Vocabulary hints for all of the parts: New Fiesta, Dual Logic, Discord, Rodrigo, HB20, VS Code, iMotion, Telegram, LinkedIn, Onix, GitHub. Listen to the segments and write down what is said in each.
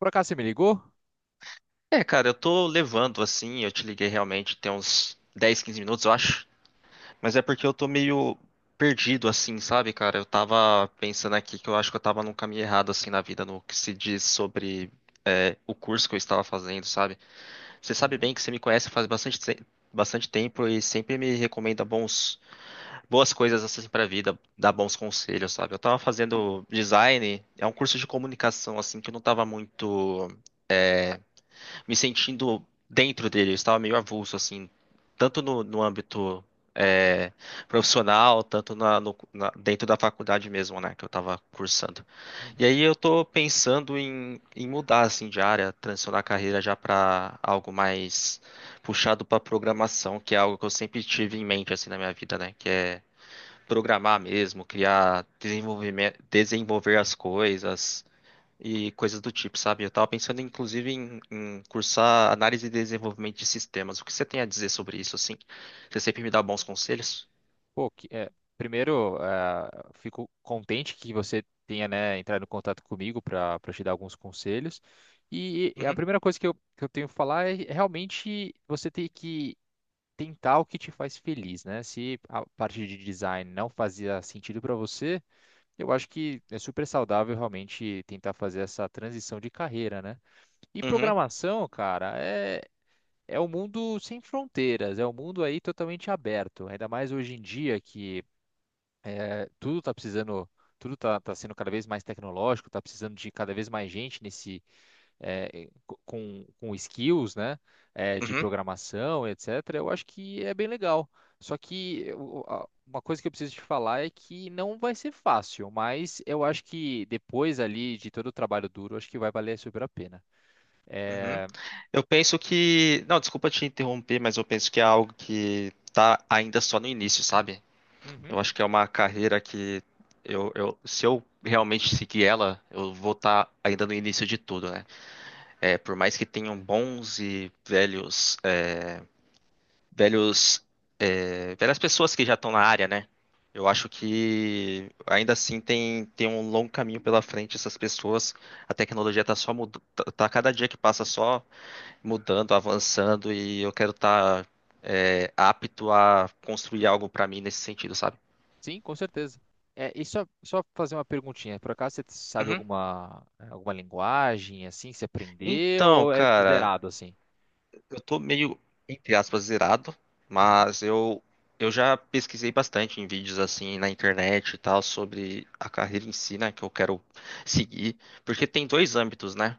Por acaso você me ligou? É, cara, eu tô levando assim, eu te liguei realmente tem uns 10, 15 minutos, eu acho. Mas é porque eu tô meio perdido assim, sabe, cara? Eu tava pensando aqui que eu acho que eu tava num caminho errado assim na vida, no que se diz sobre o curso que eu estava fazendo, sabe? Você sabe Uhum, bem que você me conhece faz bastante tempo e sempre me recomenda boas coisas assim pra vida, dá bons conselhos, sabe? Eu tava fazendo design, é um curso de comunicação assim que eu não tava muito me sentindo dentro dele, eu estava meio avulso, assim, tanto no âmbito é, profissional, tanto na, no- na- dentro da faculdade mesmo, né, que eu estava cursando. E uhum. aí eu tô pensando em mudar, assim, de área, transicionar a carreira já para algo mais puxado para programação, que é algo que eu sempre tive em mente, assim, na minha vida, né, que é programar mesmo, criar, desenvolvimento, desenvolver as coisas, e coisas do tipo, sabe? Eu tava pensando, inclusive, em cursar análise e desenvolvimento de sistemas. O que você tem a dizer sobre isso, assim? Você sempre me dá bons conselhos? Pô, que, é, primeiro, ah, fico contente que você tenha, né, entrado em contato comigo para te dar alguns conselhos. E a Uhum, primeira coisa que eu tenho que falar é realmente você ter que tentar o que te faz feliz, né? Se a parte de design não fazia sentido para você, eu acho que é super saudável realmente tentar fazer essa transição de carreira, né? E uhum, programação, cara, é um mundo sem fronteiras, é um mundo aí totalmente aberto, ainda mais hoje em dia que eh, tudo está precisando Tudo está sendo cada vez mais tecnológico, está precisando de cada vez mais gente nesse, com skills, né, de uhum, programação, etc., eu acho que é bem legal. Só que eu- a- uma coisa que eu preciso te falar é que não vai ser fácil, mas eu acho que depois ali de todo o trabalho duro, acho que vai valer super a pena. uhum. É, Eu penso que. Não, desculpa te interromper, mas eu penso que é algo que tá ainda só no início, sabe? uhum, Eu acho que é uma carreira que se eu realmente seguir ela, eu vou estar ainda no início de tudo, né? É, por mais que tenham bons e velhos pelas pessoas que já estão na área, né? Eu acho que ainda assim tem um longo caminho pela frente essas pessoas. A tecnologia está só mudando, tá cada dia que passa só mudando, avançando e eu quero estar apto a construir algo para mim nesse sentido, sabe? sim, com certeza. É, e só fazer uma perguntinha, por acaso você sabe Uhum. alguma linguagem assim que você aprendeu Então, ou é cara, zerado assim? eu tô meio, entre aspas, zerado, Uhum, mas eu, eu já pesquisei bastante em vídeos assim na internet e tal sobre a carreira em si, né, que eu quero seguir, porque tem dois âmbitos, né?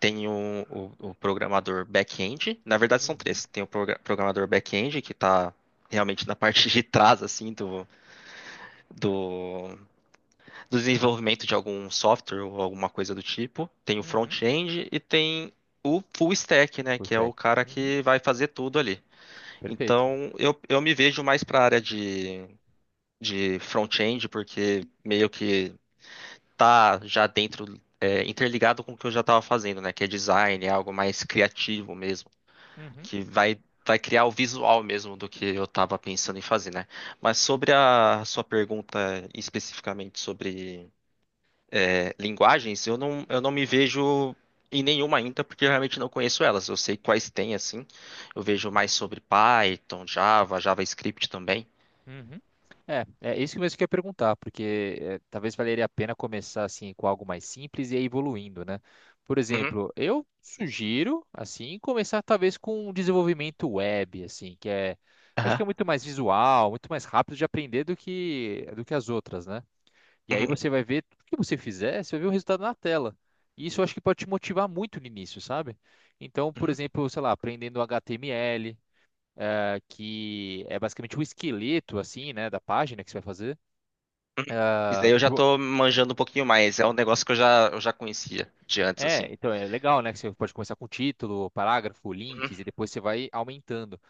Tem o programador back-end, na verdade são uhum, três. Tem o programador back-end, que tá realmente na parte de trás, assim, do, do desenvolvimento de algum software ou alguma coisa do tipo. Tem o uhum. front-end e tem o full stack, né, Full que é o stack. cara Uhum, que vai fazer tudo ali. perfeito. Então, eu me vejo mais para a área de front-end, porque meio que tá já dentro, é, interligado com o que eu já estava fazendo, né? Que é design, é algo mais criativo mesmo, Uhum. que vai criar o visual mesmo do que eu estava pensando em fazer, né? Mas sobre a sua pergunta especificamente sobre linguagens, eu não me vejo em nenhuma ainda, porque eu realmente não conheço elas. Eu sei quais tem, assim. Eu vejo mais sobre Python, Java, JavaScript também. Uhum. É isso que mesmo que eu ia perguntar, porque é, talvez valeria a pena começar assim com algo mais simples e ir evoluindo, né? Por Uhum, exemplo, eu sugiro assim começar talvez com um desenvolvimento web, assim, que é, acho aham. que é muito mais visual, muito mais rápido de aprender do que as outras, né? E aí Uhum, você vai ver tudo que você fizer, você vai ver o resultado na tela. E isso eu acho que pode te motivar muito no início, sabe? Então, por uhum, exemplo, sei lá, aprendendo HTML, que é basicamente o esqueleto, assim, né, da página que você vai fazer. uhum. Isso Ah, daí eu já tipo, tô manjando um pouquinho mais. É um negócio que eu já conhecia de antes, é, assim. então é legal, né, que você pode começar com título, parágrafo, Uhum, links, e depois você vai aumentando.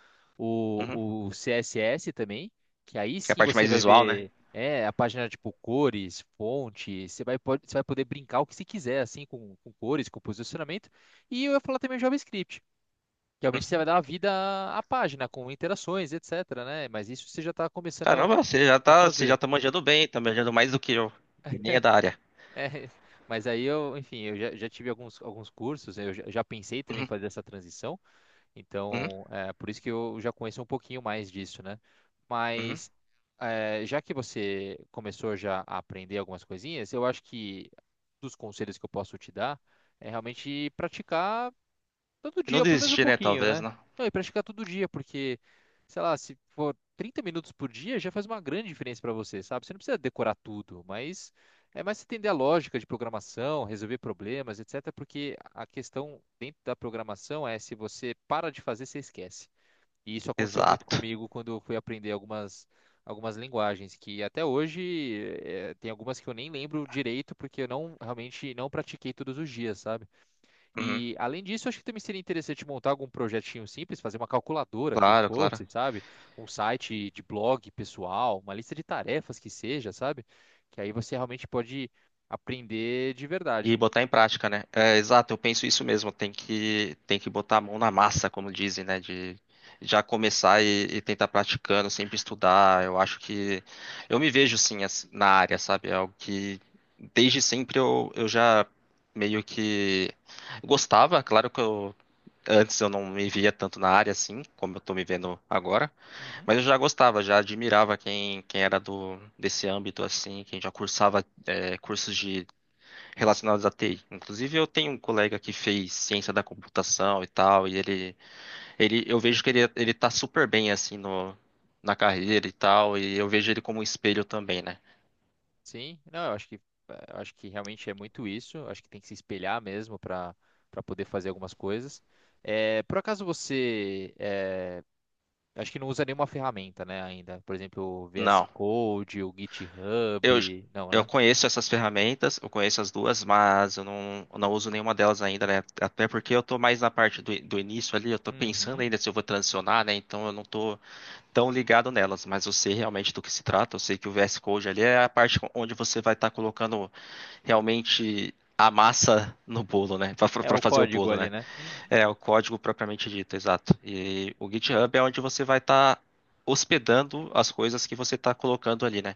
uhum. O CSS também, que aí Que é a sim parte você mais vai visual, né? ver, é, a página, tipo, cores, fonte, você vai poder brincar o que você quiser, assim, com cores, com posicionamento. E eu ia falar também o JavaScript, que realmente você Uhum. vai dar uma vida à página, com interações, etc, né? Mas isso você já está começando a Caramba, a você já fazer. tá manjando bem, tá manjando mais do que eu. E nem é da área. É, mas aí eu, enfim, eu já, já, tive alguns cursos, né, eu já pensei também em Uhum, fazer essa transição, uhum, então é por isso que eu já conheço um pouquinho mais disso, né? uhum. Mas é, já que você começou já a aprender algumas coisinhas, eu acho que dos conselhos que eu posso te dar é realmente praticar todo E dia, não ou pelo menos um desistir, né? pouquinho, Talvez, né? né? Não, e praticar todo dia, porque, sei lá, se for 30 minutos por dia, já faz uma grande diferença para você, sabe? Você não precisa decorar tudo, mas é mais você entender a lógica de programação, resolver problemas, etc. Porque a questão dentro da programação é se você para de fazer, você esquece. E isso aconteceu muito Exato. comigo quando eu fui aprender algumas linguagens, que até hoje tem algumas que eu nem lembro direito, porque eu não realmente não pratiquei todos os dias, sabe? Uhum. E além disso, acho que também seria interessante montar algum projetinho simples, fazer uma calculadora que Claro, claro. fosse, sabe? Um site de blog pessoal, uma lista de tarefas que seja, sabe? Que aí você realmente pode aprender de verdade. E botar em prática, né? É, exato, eu penso isso mesmo. Tem que botar a mão na massa, como dizem, né? De já começar e tentar praticando, sempre estudar. Eu acho que eu me vejo na área, sabe? É algo que desde sempre eu já meio que gostava. Claro que eu antes eu não me via tanto na área assim, como eu tô me vendo agora, Uhum. mas eu já gostava, já admirava quem era do desse âmbito assim, quem já cursava cursos de relacionados à TI. Inclusive, eu tenho um colega que fez ciência da computação e tal, ele eu vejo que ele tá super bem assim no, na carreira e tal, e eu vejo ele como um espelho também, né? Sim, não, eu acho que realmente é muito isso. Eu acho que tem que se espelhar mesmo para poder fazer algumas coisas. É, por acaso você é, acho que não usa nenhuma ferramenta, né, ainda? Por exemplo, o VS Não, Code, o eu, GitHub, não, eu né? conheço essas ferramentas, eu conheço as duas, mas eu não uso nenhuma delas ainda, né? Até porque eu tô mais na parte do início ali, eu tô pensando Uhum. ainda se eu vou transicionar, né? Então eu não tô tão ligado nelas, mas eu sei realmente do que se trata, eu sei que o VS Code ali é a parte onde você vai estar colocando realmente a massa no bolo, né? É Para o fazer o código bolo, ali, né? né? Uhum. É o código propriamente dito, exato. E o GitHub é onde você vai estar hospedando as coisas que você está colocando ali, né?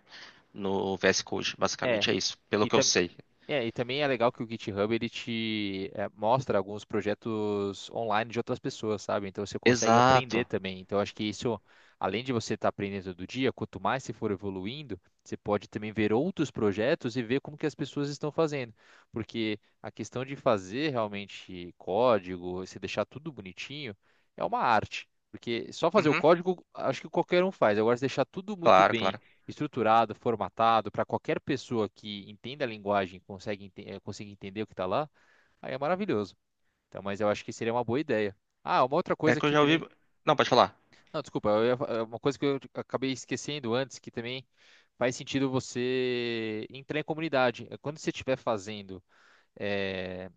No VS Code, É. basicamente é isso, pelo E, que eu tam- sei. e também é legal que o GitHub ele te mostra alguns projetos online de outras pessoas, sabe? Então você consegue aprender Exato. também. Então acho que isso, além de você estar aprendendo todo dia, quanto mais você for evoluindo, você pode também ver outros projetos e ver como que as pessoas estão fazendo. Porque a questão de fazer realmente código, você deixar tudo bonitinho, é uma arte. Porque só fazer o Uhum. código, acho que qualquer um faz. Agora, se deixar tudo muito Claro, bem claro. estruturado, formatado, para qualquer pessoa que entenda a linguagem e consiga entender o que está lá, aí é maravilhoso. Então, mas eu acho que seria uma boa ideia. Ah, uma outra É coisa que eu que já ouvi. também. Não, pode falar. Não, desculpa, eu ia fa- eh, uma coisa que eu acabei esquecendo antes, que também faz sentido você entrar em comunidade. Quando você estiver fazendo eh,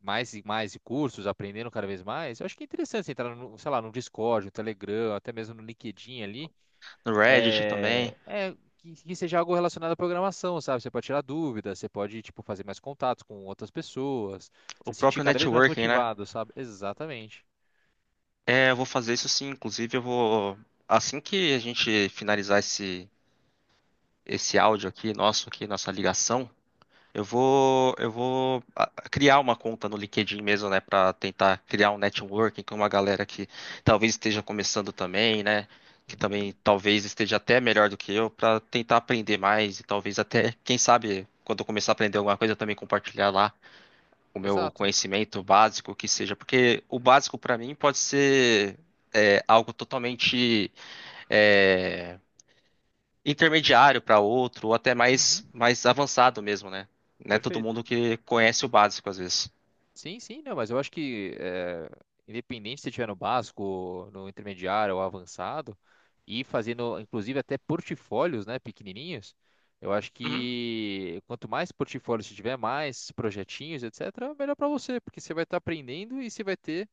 mais e mais cursos, aprendendo cada vez mais, eu acho que é interessante você entrar no, sei lá, no Discord, no Telegram, até mesmo no LinkedIn ali No Reddit também. que seja algo relacionado à programação, sabe? Você pode tirar dúvidas, você pode, tipo, fazer mais contatos com outras pessoas, O se sentir próprio cada vez mais networking, né? motivado, sabe? Exatamente. É, eu vou fazer isso sim. Inclusive, eu vou. Assim que a gente finalizar esse áudio aqui, nosso aqui, nossa ligação, eu vou, eu vou criar uma conta no LinkedIn mesmo, né, para tentar criar um networking com uma galera que talvez esteja começando também, né, que Uhum, também talvez esteja até melhor do que eu, para tentar aprender mais e talvez até, quem sabe, quando eu começar a aprender alguma coisa, eu também compartilhar lá o meu exato. conhecimento básico, que seja, porque o básico para mim pode ser algo totalmente é, intermediário para outro, ou até mais, Uhum, mais avançado mesmo, né? Não é todo perfeito. mundo que conhece o básico às vezes. Sim, sim, não, mas eu acho que independente se estiver no básico, no intermediário ou avançado, e fazendo, inclusive, até portfólios, né, pequenininhos, eu acho Uhum, que quanto mais portfólios você tiver, mais projetinhos, etc., melhor para você, porque você vai estar aprendendo e você vai ter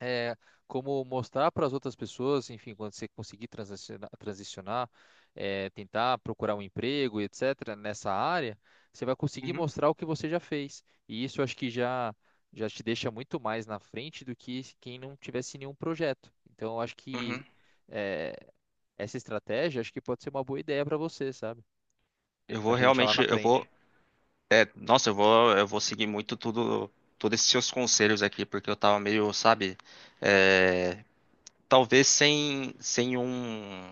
é, como mostrar para as outras pessoas, enfim, quando você conseguir transicionar, transicionar, tentar procurar um emprego, etc., nessa área, você vai conseguir uhum, mostrar o que você já fez. E isso eu acho que já, te deixa muito mais na frente do que quem não tivesse nenhum projeto. Então, eu acho que uhum. é, essa estratégia acho que pode ser uma boa ideia para você, sabe? Eu vou Vai te deixar lá realmente, na eu vou, frente, eu vou seguir muito tudo, todos esses seus conselhos aqui, porque eu tava meio, sabe, é, talvez sem um,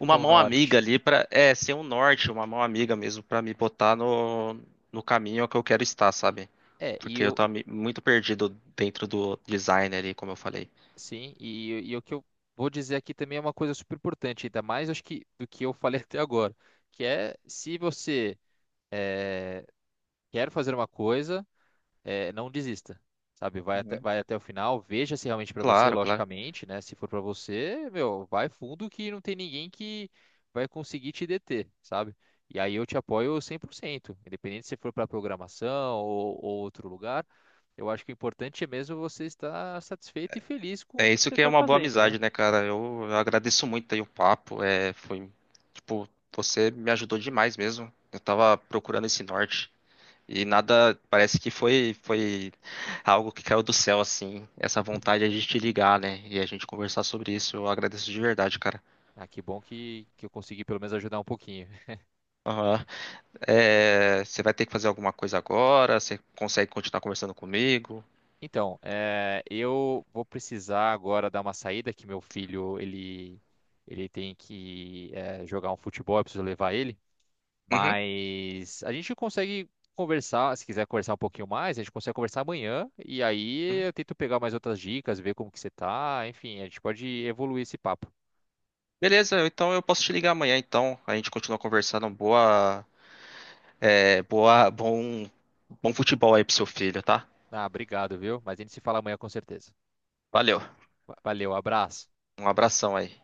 uma ser um mão amiga norte. ali para, é, sem um norte, uma mão amiga mesmo para me botar no, no caminho que eu quero estar, sabe? É, Porque e eu tava muito perdido dentro do design ali, como eu falei. Sim, e o que eu vou dizer aqui também é uma coisa super importante, ainda mais acho que do que eu falei até agora, que é se você eh, quer fazer uma coisa, não desista, sabe? Vai até, Uhum. vai até o final, veja se realmente para você, Claro, claro. logicamente, né? Se for para você, meu, vai fundo que não tem ninguém que vai conseguir te deter, sabe? E aí eu te apoio 100%, independente se for para programação ou, outro lugar. Eu acho que o importante é mesmo você estar satisfeito e feliz com o É que isso você que é está uma boa fazendo, né? amizade, né, cara? Eu agradeço muito aí o papo. É, foi, tipo, você me ajudou demais mesmo. Eu tava procurando esse norte e nada, parece que foi algo que caiu do céu, assim. Essa vontade de a gente ligar, né? E a gente conversar sobre isso. Eu agradeço de verdade, cara. Ah, que bom que, eu consegui pelo menos ajudar um pouquinho. Aham. É, você vai ter que fazer alguma coisa agora? Você consegue continuar conversando comigo? Então, eu vou precisar agora dar uma saída, que meu filho, ele tem que jogar um futebol, eu preciso levar ele, Uhum. mas a gente consegue conversar, se quiser conversar um pouquinho mais, a gente consegue conversar amanhã, e aí Uhum. eu tento pegar mais outras dicas, ver como que você tá, enfim, a gente pode evoluir esse papo. Beleza, então eu posso te ligar amanhã, então. A gente continua conversando. Boa. É, bom, bom futebol aí pro seu filho, tá? Ah, obrigado, viu? Mas a gente se fala amanhã com certeza. Valeu. Valeu, abraço. Um abração aí.